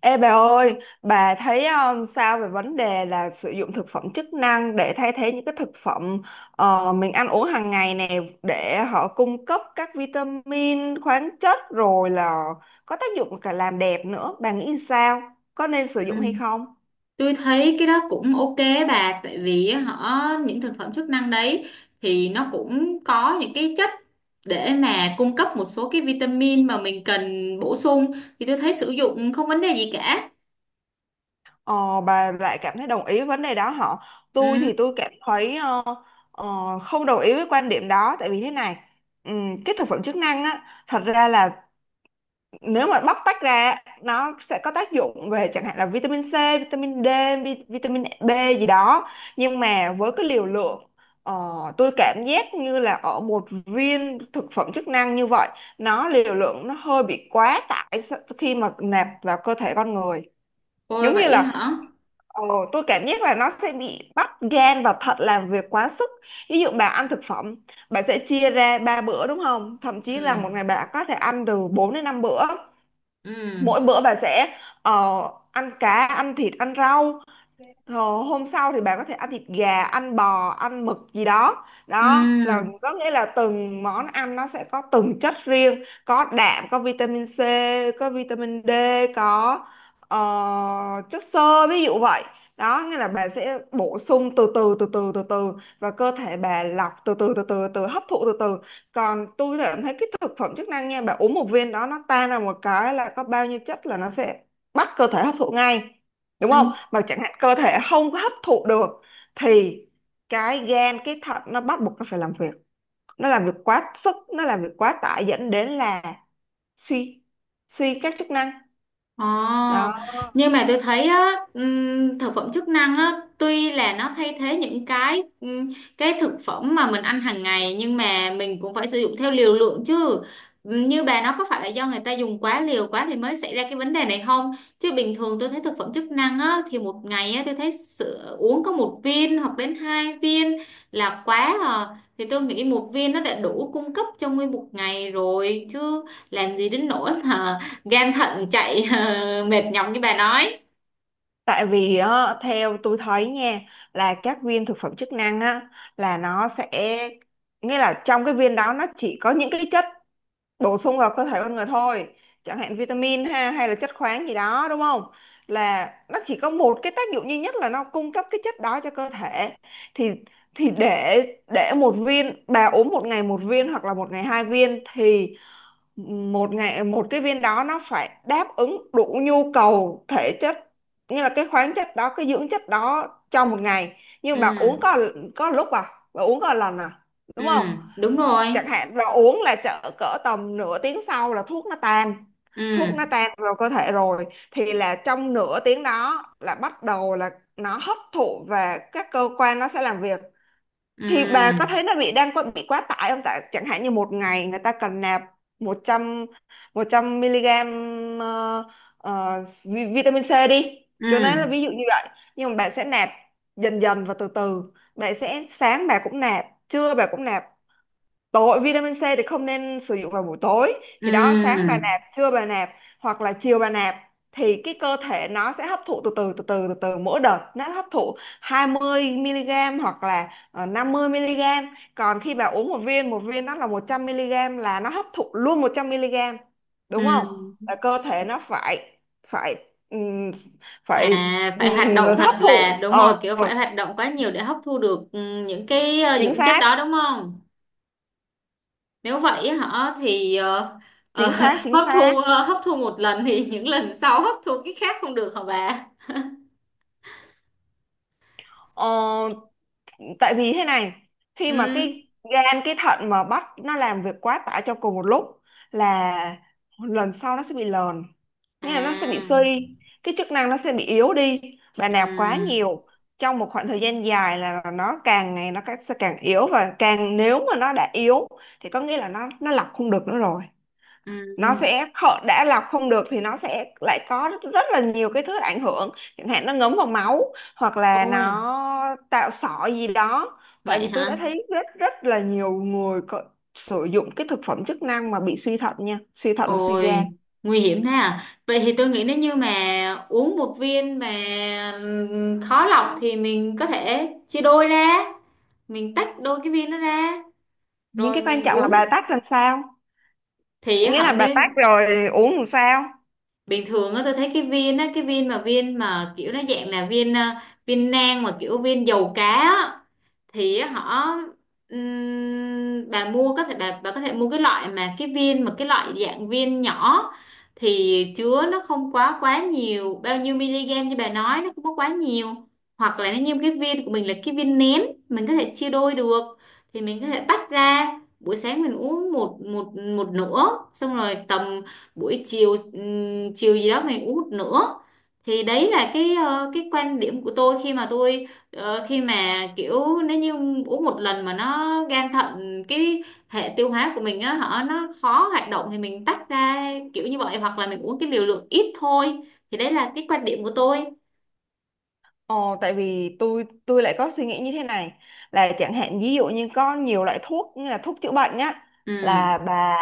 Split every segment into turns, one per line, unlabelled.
Ê bà ơi, bà thấy sao về vấn đề là sử dụng thực phẩm chức năng để thay thế những cái thực phẩm mình ăn uống hàng ngày nè để họ cung cấp các vitamin, khoáng chất rồi là có tác dụng cả làm đẹp nữa. Bà nghĩ sao? Có nên sử dụng
Ừ.
hay không?
Tôi thấy cái đó cũng ok bà tại vì những thực phẩm chức năng đấy thì nó cũng có những cái chất để mà cung cấp một số cái vitamin mà mình cần bổ sung, thì tôi thấy sử dụng không vấn đề gì cả.
Ờ, bà lại cảm thấy đồng ý với vấn đề đó hả? Tôi
Ừ.
thì tôi cảm thấy ờ, không đồng ý với quan điểm đó tại vì thế này, cái thực phẩm chức năng á thật ra là nếu mà bóc tách ra nó sẽ có tác dụng về chẳng hạn là vitamin C, vitamin D, vitamin B gì đó, nhưng mà với cái liều lượng ờ, tôi cảm giác như là ở một viên thực phẩm chức năng như vậy nó liều lượng nó hơi bị quá tải khi mà nạp vào cơ thể con người,
Ôi
giống như
vậy
là
hả.
ờ, tôi cảm giác là nó sẽ bị bắt gan và thận làm việc quá sức. Ví dụ bà ăn thực phẩm, bà sẽ chia ra ba bữa đúng không, thậm
Ừ.
chí là một ngày bà có thể ăn từ 4 đến 5 bữa,
Ừ.
mỗi bữa bà sẽ ăn cá ăn thịt ăn rau. Hôm sau thì bạn có thể ăn thịt gà, ăn bò, ăn mực gì đó.
Ừ.
Đó là có nghĩa là từng món ăn nó sẽ có từng chất riêng, có đạm, có vitamin C, có vitamin D, có ờ, chất xơ ví dụ vậy. Đó nghĩa là bà sẽ bổ sung từ từ từ từ từ từ và cơ thể bà lọc từ từ từ từ từ hấp thụ từ từ. Còn tôi cảm thấy cái thực phẩm chức năng nha, bà uống một viên đó nó tan ra một cái là có bao nhiêu chất là nó sẽ bắt cơ thể hấp thụ ngay, đúng không,
Ừ.
mà chẳng hạn cơ thể không có hấp thụ được thì cái gan cái thận nó bắt buộc nó phải làm việc, nó làm việc quá sức, nó làm việc quá tải dẫn đến là suy, suy các chức năng,
Ồ,
đó.
nhưng mà tôi thấy á, thực phẩm chức năng á, tuy là nó thay thế những cái thực phẩm mà mình ăn hàng ngày, nhưng mà mình cũng phải sử dụng theo liều lượng chứ. Như bà nói, có phải là do người ta dùng quá liều quá thì mới xảy ra cái vấn đề này không? Chứ bình thường tôi thấy thực phẩm chức năng á, thì một ngày á, tôi thấy sữa, uống có một viên hoặc đến hai viên là quá à. Thì tôi nghĩ một viên nó đã đủ cung cấp trong nguyên một ngày rồi chứ, làm gì đến nỗi mà gan thận chạy mệt nhọc như bà nói.
Tại vì á, theo tôi thấy nha, là các viên thực phẩm chức năng á là nó sẽ, nghĩa là trong cái viên đó nó chỉ có những cái chất bổ sung vào cơ thể con người thôi, chẳng hạn vitamin ha hay là chất khoáng gì đó đúng không, là nó chỉ có một cái tác dụng duy nhất là nó cung cấp cái chất đó cho cơ thể. Thì thì để để một viên bà uống một ngày một viên hoặc là một ngày hai viên thì một ngày một cái viên đó nó phải đáp ứng đủ nhu cầu thể chất, như là cái khoáng chất đó cái dưỡng chất đó trong một ngày. Nhưng
Ừ.
bà uống có lúc à, bà uống có lần à,
Ừ,
đúng không.
đúng rồi.
Chẳng hạn và uống là chợ cỡ tầm nửa tiếng sau là thuốc nó tan,
Ừ.
thuốc nó tan vào cơ thể rồi thì là trong nửa tiếng đó là bắt đầu là nó hấp thụ và các cơ quan nó sẽ làm việc. Thì bà có
Ừ.
thấy nó bị đang có bị quá tải không, tại chẳng hạn như một ngày người ta cần nạp 100, 100 mg vitamin C đi, cho nên là
Ừ.
ví dụ như vậy. Nhưng mà bạn sẽ nạp dần dần và từ từ, bạn sẽ sáng bà cũng nạp trưa bà cũng nạp, tối vitamin C thì không nên sử dụng vào buổi tối, thì đó sáng
Ừ.
bà nạp trưa bà nạp hoặc là chiều bà nạp, thì cái cơ thể nó sẽ hấp thụ từ từ từ từ từ từ, mỗi đợt nó hấp thụ 20 mg hoặc là 50 mg. Còn khi bà uống một viên, một viên nó là 100 mg là nó hấp thụ luôn 100 mg, đúng
Ừ.
không, là cơ thể nó phải, phải ừm, phải
À, phải hoạt động thật,
hấp
là
thụ,
đúng rồi, kiểu phải hoạt động quá nhiều để hấp thu được, ừ, những
chính
dưỡng chất
xác,
đó, đúng không? Nếu vậy hả? Ờ,
chính xác, chính xác.
hấp thu một lần thì những lần sau hấp thu cái khác không được hả bà?
Ờ, tại vì thế này, khi mà
Ừ.
cái gan cái thận mà bắt nó làm việc quá tải trong cùng một lúc là lần sau nó sẽ bị lờn,
À.
nghĩa là nó sẽ bị suy, cái chức năng nó sẽ bị yếu đi, và nạp quá
Ừ.
nhiều trong một khoảng thời gian dài là nó càng ngày sẽ càng yếu, và càng nếu mà nó đã yếu thì có nghĩa là nó lọc không được nữa rồi, nó
Ừ.
sẽ đã lọc không được thì nó sẽ lại có rất, rất là nhiều cái thứ ảnh hưởng, chẳng hạn nó ngấm vào máu hoặc là
Ôi
nó tạo sỏi gì đó. Tại
vậy
vì tôi đã
hả.
thấy rất rất là nhiều người có, sử dụng cái thực phẩm chức năng mà bị suy thận nha, suy thận và suy gan.
Ôi, nguy hiểm thế à? Vậy thì tôi nghĩ nếu như mà uống một viên mà khó lọc thì mình có thể chia đôi ra. Mình tách đôi cái viên nó ra.
Những
Rồi
cái quan
mình
trọng là bà
uống.
tách làm sao,
Thì
nghĩa
họ
là bà tách
nên,
rồi uống làm sao.
bình thường á tôi thấy cái viên á, cái viên mà kiểu nó dạng là viên à, viên nang, mà kiểu viên dầu cá á. Thì họ, bà mua có thể bà có thể mua cái loại mà cái loại dạng viên nhỏ, thì chứa nó không quá quá nhiều, bao nhiêu miligam như bà nói nó không có quá nhiều. Hoặc là nó như cái viên của mình là cái viên nén, mình có thể chia đôi được, thì mình có thể tách ra, buổi sáng mình uống một một một nửa, xong rồi tầm buổi chiều, chiều gì đó mình uống một nửa. Thì đấy là cái quan điểm của tôi, khi mà tôi, ờ, khi mà kiểu, nếu như uống một lần mà nó gan thận, cái hệ tiêu hóa của mình á, họ nó khó hoạt động, thì mình tách ra kiểu như vậy, hoặc là mình uống cái liều lượng ít thôi. Thì đấy là cái quan điểm của tôi.
Ồ, tại vì tôi lại có suy nghĩ như thế này, là chẳng hạn ví dụ như có nhiều loại thuốc như là thuốc chữa bệnh nhá, là
Ừ.
bà,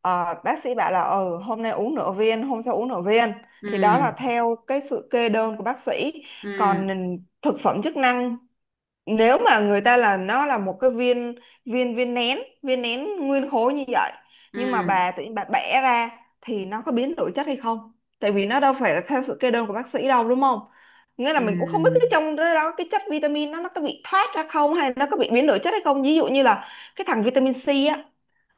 bác sĩ bảo là ừ hôm nay uống nửa viên hôm sau uống nửa viên, thì đó là
Ừ.
theo cái sự kê đơn của bác sĩ. Còn
Ừ.
thực phẩm chức năng, nếu mà người ta là nó là một cái viên, viên nén, viên nén nguyên khối như vậy, nhưng mà
Ừ.
bà tự nhiên bà bẻ ra thì nó có biến đổi chất hay không, tại vì nó đâu phải là theo sự kê đơn của bác sĩ đâu, đúng không. Nghĩa là mình cũng không biết
Ừ.
cái trong đó đó, cái chất vitamin nó có bị thoát ra không, hay nó có bị biến đổi chất hay không, ví dụ như là cái thằng vitamin C á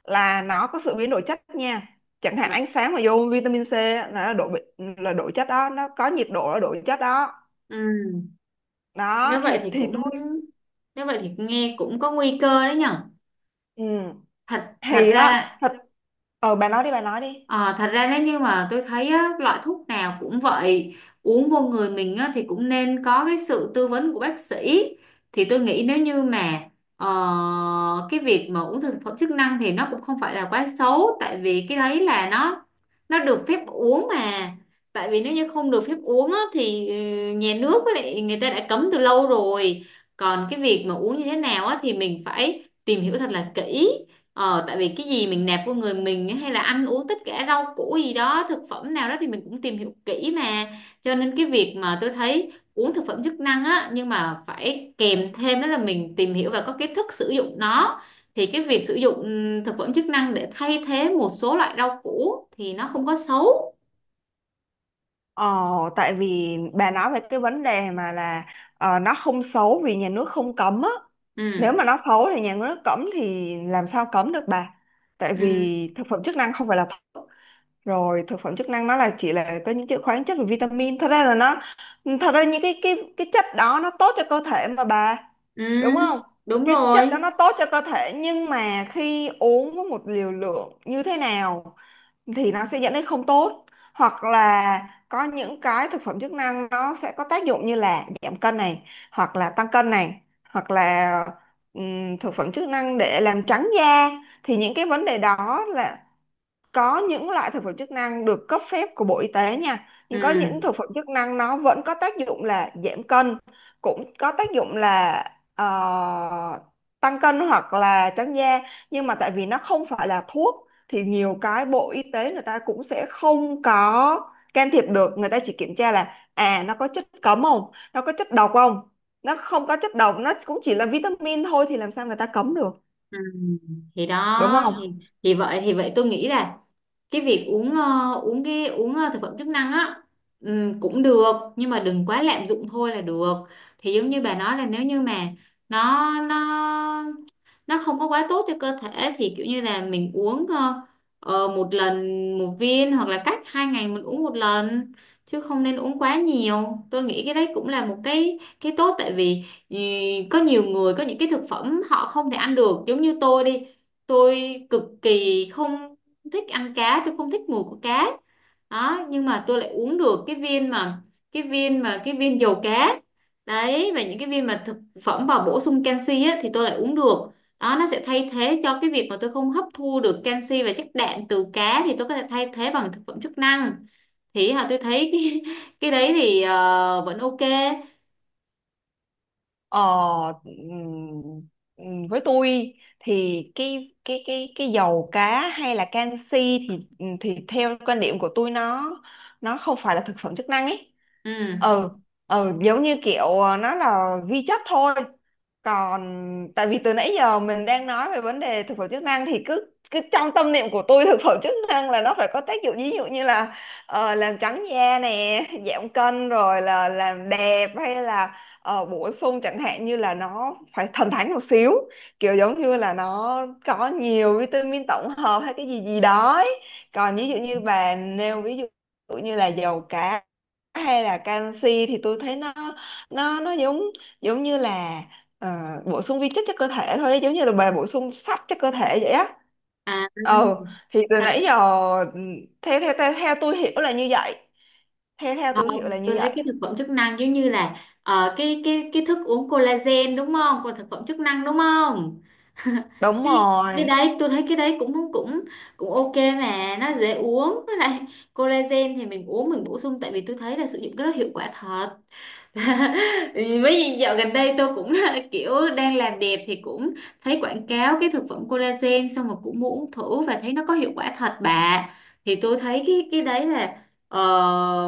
là nó có sự biến đổi chất nha, chẳng hạn
Bạn-
ánh sáng mà vô vitamin C á, là độ là đổi chất đó, nó có nhiệt độ là đổi chất đó.
ừ. Nếu
Đó
vậy
thì
thì
thì
cũng,
tôi,
nếu vậy thì nghe cũng có nguy cơ đấy nhở.
ừ.
Thật Thật
Thì á
ra.
thật. Ờ bà nói đi, bà nói đi.
Ờ, thật ra nếu như mà tôi thấy á, loại thuốc nào cũng vậy, uống vô người mình á, thì cũng nên có cái sự tư vấn của bác sĩ. Thì tôi nghĩ nếu như mà, ờ, cái việc mà uống thực phẩm chức năng thì nó cũng không phải là quá xấu, tại vì cái đấy là nó được phép uống mà. Tại vì nếu như không được phép uống á, thì ừ, nhà nước với lại người ta đã cấm từ lâu rồi. Còn cái việc mà uống như thế nào á, thì mình phải tìm hiểu thật là kỹ. Ờ, tại vì cái gì mình nạp vô người mình ấy, hay là ăn uống tất cả rau củ gì đó, thực phẩm nào đó, thì mình cũng tìm hiểu kỹ mà. Cho nên cái việc mà tôi thấy uống thực phẩm chức năng á, nhưng mà phải kèm thêm đó là mình tìm hiểu và có kiến thức sử dụng nó, thì cái việc sử dụng, thực phẩm chức năng để thay thế một số loại rau củ thì nó không có xấu.
Ờ, tại vì bà nói về cái vấn đề mà là nó không xấu vì nhà nước không cấm á. Nếu
Ừ.
mà nó xấu thì nhà nước cấm thì làm sao cấm được bà? Tại
Ừ.
vì thực phẩm chức năng không phải là thuốc. Rồi thực phẩm chức năng nó là chỉ là có những chữ khoáng chất và vitamin. Thật ra là nó, thật ra những cái chất đó nó tốt cho cơ thể mà bà.
Ừ
Đúng không?
đúng
Cái chất
rồi.
đó nó tốt cho cơ thể, nhưng mà khi uống với một liều lượng như thế nào thì nó sẽ dẫn đến không tốt, hoặc là có những cái thực phẩm chức năng nó sẽ có tác dụng như là giảm cân này, hoặc là tăng cân này, hoặc là thực phẩm chức năng để làm trắng da. Thì những cái vấn đề đó là có những loại thực phẩm chức năng được cấp phép của Bộ Y tế nha, nhưng có những
Ừ.
thực phẩm chức năng nó vẫn có tác dụng là giảm cân, cũng có tác dụng là ờ, tăng cân hoặc là trắng da. Nhưng mà tại vì nó không phải là thuốc thì nhiều cái Bộ Y tế người ta cũng sẽ không có can thiệp được, người ta chỉ kiểm tra là à nó có chất cấm không, nó có chất độc không. Nó không có chất độc, nó cũng chỉ là vitamin thôi thì làm sao người ta cấm được,
Ừ. Thì
đúng
đó thì,
không.
thì vậy tôi nghĩ là cái việc uống, ờ, uống cái uống ờ, thực phẩm chức năng á, cũng được, nhưng mà đừng quá lạm dụng thôi là được. Thì giống như bà nói là nếu như mà nó nó nó không có quá tốt cho cơ thể, thì kiểu như là mình uống một lần, một viên, hoặc là cách hai ngày mình uống một lần, chứ không nên uống quá nhiều. Tôi nghĩ cái đấy cũng là một cái tốt, tại vì ừ, có nhiều người có những cái thực phẩm họ không thể ăn được, giống như tôi đi, tôi cực kỳ không thích ăn cá, tôi không thích mùi của cá đó. Nhưng mà tôi lại uống được cái viên mà cái viên dầu cá đấy, và những cái viên mà thực phẩm bổ sung canxi á, thì tôi lại uống được. Đó, nó sẽ thay thế cho cái việc mà tôi không hấp thu được canxi và chất đạm từ cá, thì tôi có thể thay thế bằng thực phẩm chức năng. Thì hả tôi thấy cái, cái đấy thì ờ, vẫn ok.
Ờ, ừm, với tôi thì cái dầu cá hay là canxi thì theo quan điểm của tôi nó không phải là thực phẩm chức năng ấy.
Ừ.
Ừ, ừ giống như kiểu nó là vi chất thôi. Còn tại vì từ nãy giờ mình đang nói về vấn đề thực phẩm chức năng thì cứ cứ trong tâm niệm của tôi thực phẩm chức năng là nó phải có tác dụng, ví dụ như là làm trắng da nè giảm cân rồi là làm đẹp, hay là bổ sung, chẳng hạn như là nó phải thần thánh một xíu, kiểu giống như là nó có nhiều vitamin tổng hợp hay cái gì gì đó ấy. Còn ví dụ như bà nêu ví dụ như là dầu cá hay là canxi thì tôi thấy nó giống giống như là bổ sung vi chất cho cơ thể thôi, giống như là bà bổ sung sắt cho cơ thể vậy á.
À.
Ừ, thì từ
Thật.
nãy giờ, ừ, theo tôi hiểu là như vậy. Theo theo tôi hiểu là
Không, tôi
như vậy.
thấy cái thực phẩm chức năng giống như là, ờ, cái thức uống collagen đúng không, còn thực phẩm chức năng đúng không.
Đúng
Cái cái
rồi.
đấy tôi thấy cái đấy cũng cũng cũng ok, mà nó dễ uống. Với lại collagen thì mình uống, mình bổ sung, tại vì tôi thấy là sử dụng cái đó hiệu quả thật. Với gì dạo gần đây tôi cũng là kiểu đang làm đẹp, thì cũng thấy quảng cáo cái thực phẩm collagen, xong rồi cũng muốn thử và thấy nó có hiệu quả thật bà. Thì tôi thấy cái đấy là, ờ,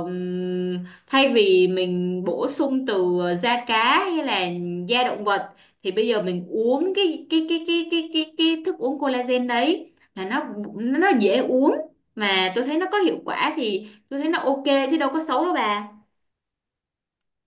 thay vì mình bổ sung từ, ờ, da cá hay là da động vật, thì bây giờ mình uống cái thức uống collagen đấy, là nó dễ uống, mà tôi thấy nó có hiệu quả, thì tôi thấy nó ok, chứ đâu có xấu đâu bà.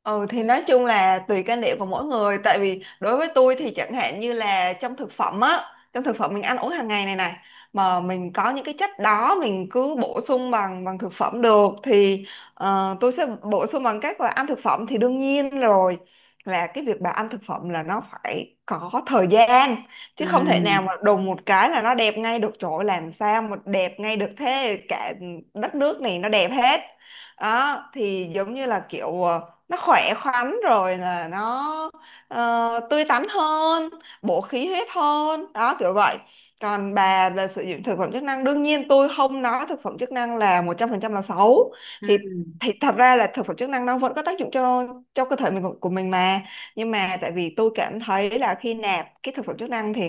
Ừ, thì nói chung là tùy quan điểm của mỗi người, tại vì đối với tôi thì chẳng hạn như là trong thực phẩm á, trong thực phẩm mình ăn uống hàng ngày này này, mà mình có những cái chất đó mình cứ bổ sung bằng bằng thực phẩm được thì tôi sẽ bổ sung bằng cách là ăn thực phẩm thì đương nhiên rồi. Là cái việc bà ăn thực phẩm là nó phải có thời gian, chứ không thể nào
Ừ.
mà đùng một cái là nó đẹp ngay được, chỗ làm sao mà đẹp ngay được thế cả, đất nước này nó đẹp hết đó. Thì giống như là kiểu nó khỏe khoắn rồi là nó tươi tắn hơn, bổ khí huyết hơn đó, kiểu vậy. Còn bà về sử dụng thực phẩm chức năng, đương nhiên tôi không nói thực phẩm chức năng là 100% là xấu.
Ừ.
Thì thì thật ra là thực phẩm chức năng nó vẫn có tác dụng cho cơ thể mình, của mình mà. Nhưng mà tại vì tôi cảm thấy là khi nạp cái thực phẩm chức năng thì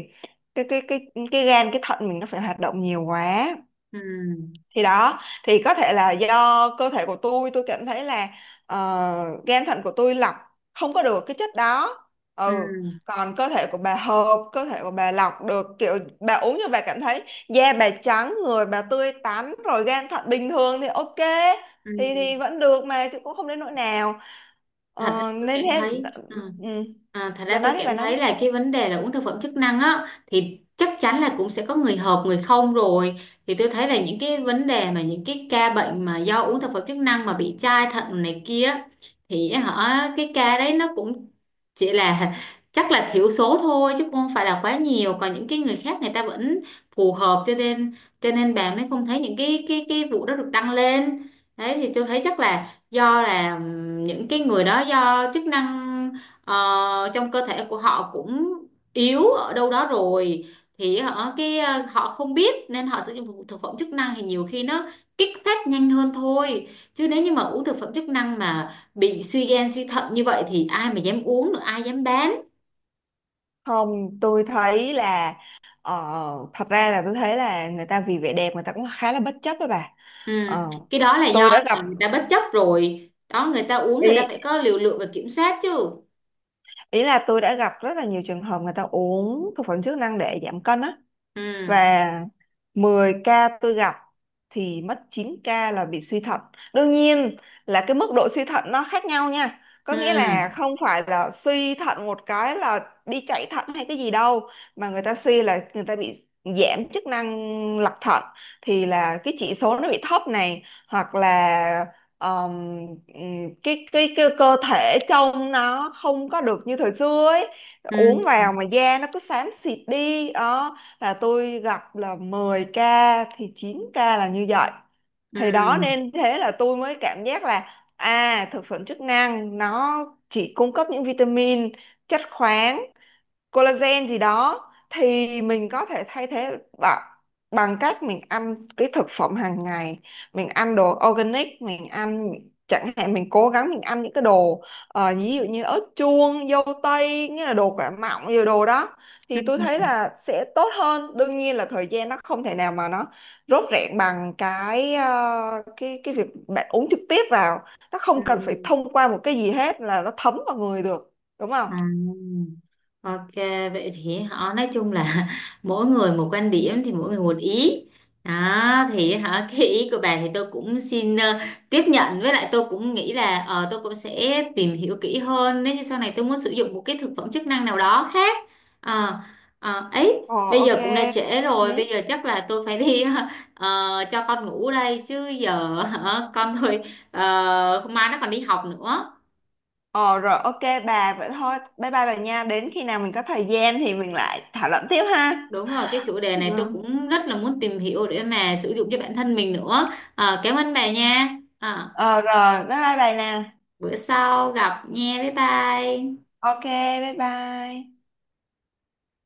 cái cái cái cái gan cái thận mình nó phải hoạt động nhiều quá.
Ừ.
Thì đó, thì có thể là do cơ thể của tôi cảm thấy là ờ, gan thận của tôi lọc không có được cái chất đó. Ừ.
Ừ.
Còn cơ thể của bà hợp, cơ thể của bà lọc được, kiểu bà uống như bà cảm thấy da bà trắng, người bà tươi tắn rồi, gan thận bình thường thì ok.
Ừ.
Thì vẫn được mà, chứ cũng không đến nỗi nào.
Thật ra
Ờ,
tôi
nên
cảm
thế.
thấy ừ.
Ừ.
À, thật
Bà
ra tôi
nói đi, bà
cảm
nói.
thấy là cái vấn đề là uống thực phẩm chức năng á, thì chắc chắn là cũng sẽ có người hợp người không rồi. Thì tôi thấy là những cái vấn đề mà, những cái ca bệnh mà do uống thực phẩm chức năng mà bị chai thận này kia, thì họ, cái ca đấy nó cũng chỉ là chắc là thiểu số thôi, chứ không phải là quá nhiều. Còn những cái người khác người ta vẫn phù hợp, cho nên, cho nên bà mới không thấy những cái vụ đó được đăng lên. Đấy, thì tôi thấy chắc là do là những cái người đó do chức năng, ờ, trong cơ thể của họ cũng yếu ở đâu đó rồi, thì họ cái ờ, họ không biết nên họ sử dụng thực thực phẩm chức năng, thì nhiều khi nó kích phát nhanh hơn thôi. Chứ nếu như mà uống thực phẩm chức năng mà bị suy gan suy thận như vậy thì ai mà dám uống nữa, ai dám bán.
Không, tôi thấy là ờ, thật ra là tôi thấy là người ta vì vẻ đẹp người ta cũng khá là bất chấp đó bà.
Ừ.
Ờ,
Cái đó là do
tôi đã gặp,
là người ta bất chấp rồi đó, người ta uống người ta phải
ý,
có liều lượng và kiểm soát chứ.
ý là tôi đã gặp rất là nhiều trường hợp người ta uống thực phẩm chức năng để giảm cân á.
Ừ.
Và 10 ca tôi gặp thì mất 9 ca là bị suy thận. Đương nhiên là cái mức độ suy thận nó khác nhau nha. Có
Ừ.
nghĩa là không phải là suy thận một cái là đi chạy thận hay cái gì đâu, mà người ta suy là người ta bị giảm chức năng lọc thận, thì là cái chỉ số nó bị thấp này, hoặc là ờm, cái cơ thể trông nó không có được như thời xưa ấy, uống
Ừ.
vào mà da nó cứ xám xịt đi đó. Là tôi gặp là 10 ca thì 9 ca là như vậy. Thì đó,
Ừ.
nên thế là tôi mới cảm giác là à, thực phẩm chức năng nó chỉ cung cấp những vitamin, chất khoáng, collagen gì đó thì mình có thể thay thế bằng bằng cách mình ăn cái thực phẩm hàng ngày, mình ăn đồ organic, mình ăn, chẳng hạn mình cố gắng mình ăn những cái đồ, ví dụ như ớt chuông, dâu tây, nghĩa là đồ quả mọng, nhiều đồ đó thì
Ừ.
tôi thấy là sẽ tốt hơn. Đương nhiên là thời gian nó không thể nào mà nó rốt rẹn bằng cái cái việc bạn uống trực tiếp vào, nó
Ừ.
không cần phải thông qua một cái gì hết là nó thấm vào người được, đúng không?
À, ok, vậy thì họ nói chung là mỗi người một quan điểm, thì mỗi người một ý. Đó thì hả cái ý của bà thì tôi cũng xin, ờ, tiếp nhận, với lại tôi cũng nghĩ là, ờ, tôi cũng sẽ tìm hiểu kỹ hơn nếu như sau này tôi muốn sử dụng một cái thực phẩm chức năng nào đó khác. Ờ, ờ, ấy,
Ồ,
bây
ok.
giờ cũng đã trễ rồi, bây
Ừ.
giờ chắc là tôi phải đi ờ, cho con ngủ đây chứ giờ hả, con thôi, ờ, mai nó còn đi học nữa.
Ồ rồi, ok, bà vậy thôi. Bye bye bà nha. Đến khi nào mình có thời gian thì mình lại thảo luận tiếp ha.
Đúng rồi, cái chủ đề
Ừ.
này tôi cũng rất là muốn tìm hiểu để mà sử dụng cho bản thân mình nữa. Ờ, cảm ơn bà nha. Ờ,
Ờ rồi, bye bye bà nè.
bữa sau gặp nha, bye bye.
Ok, bye bye.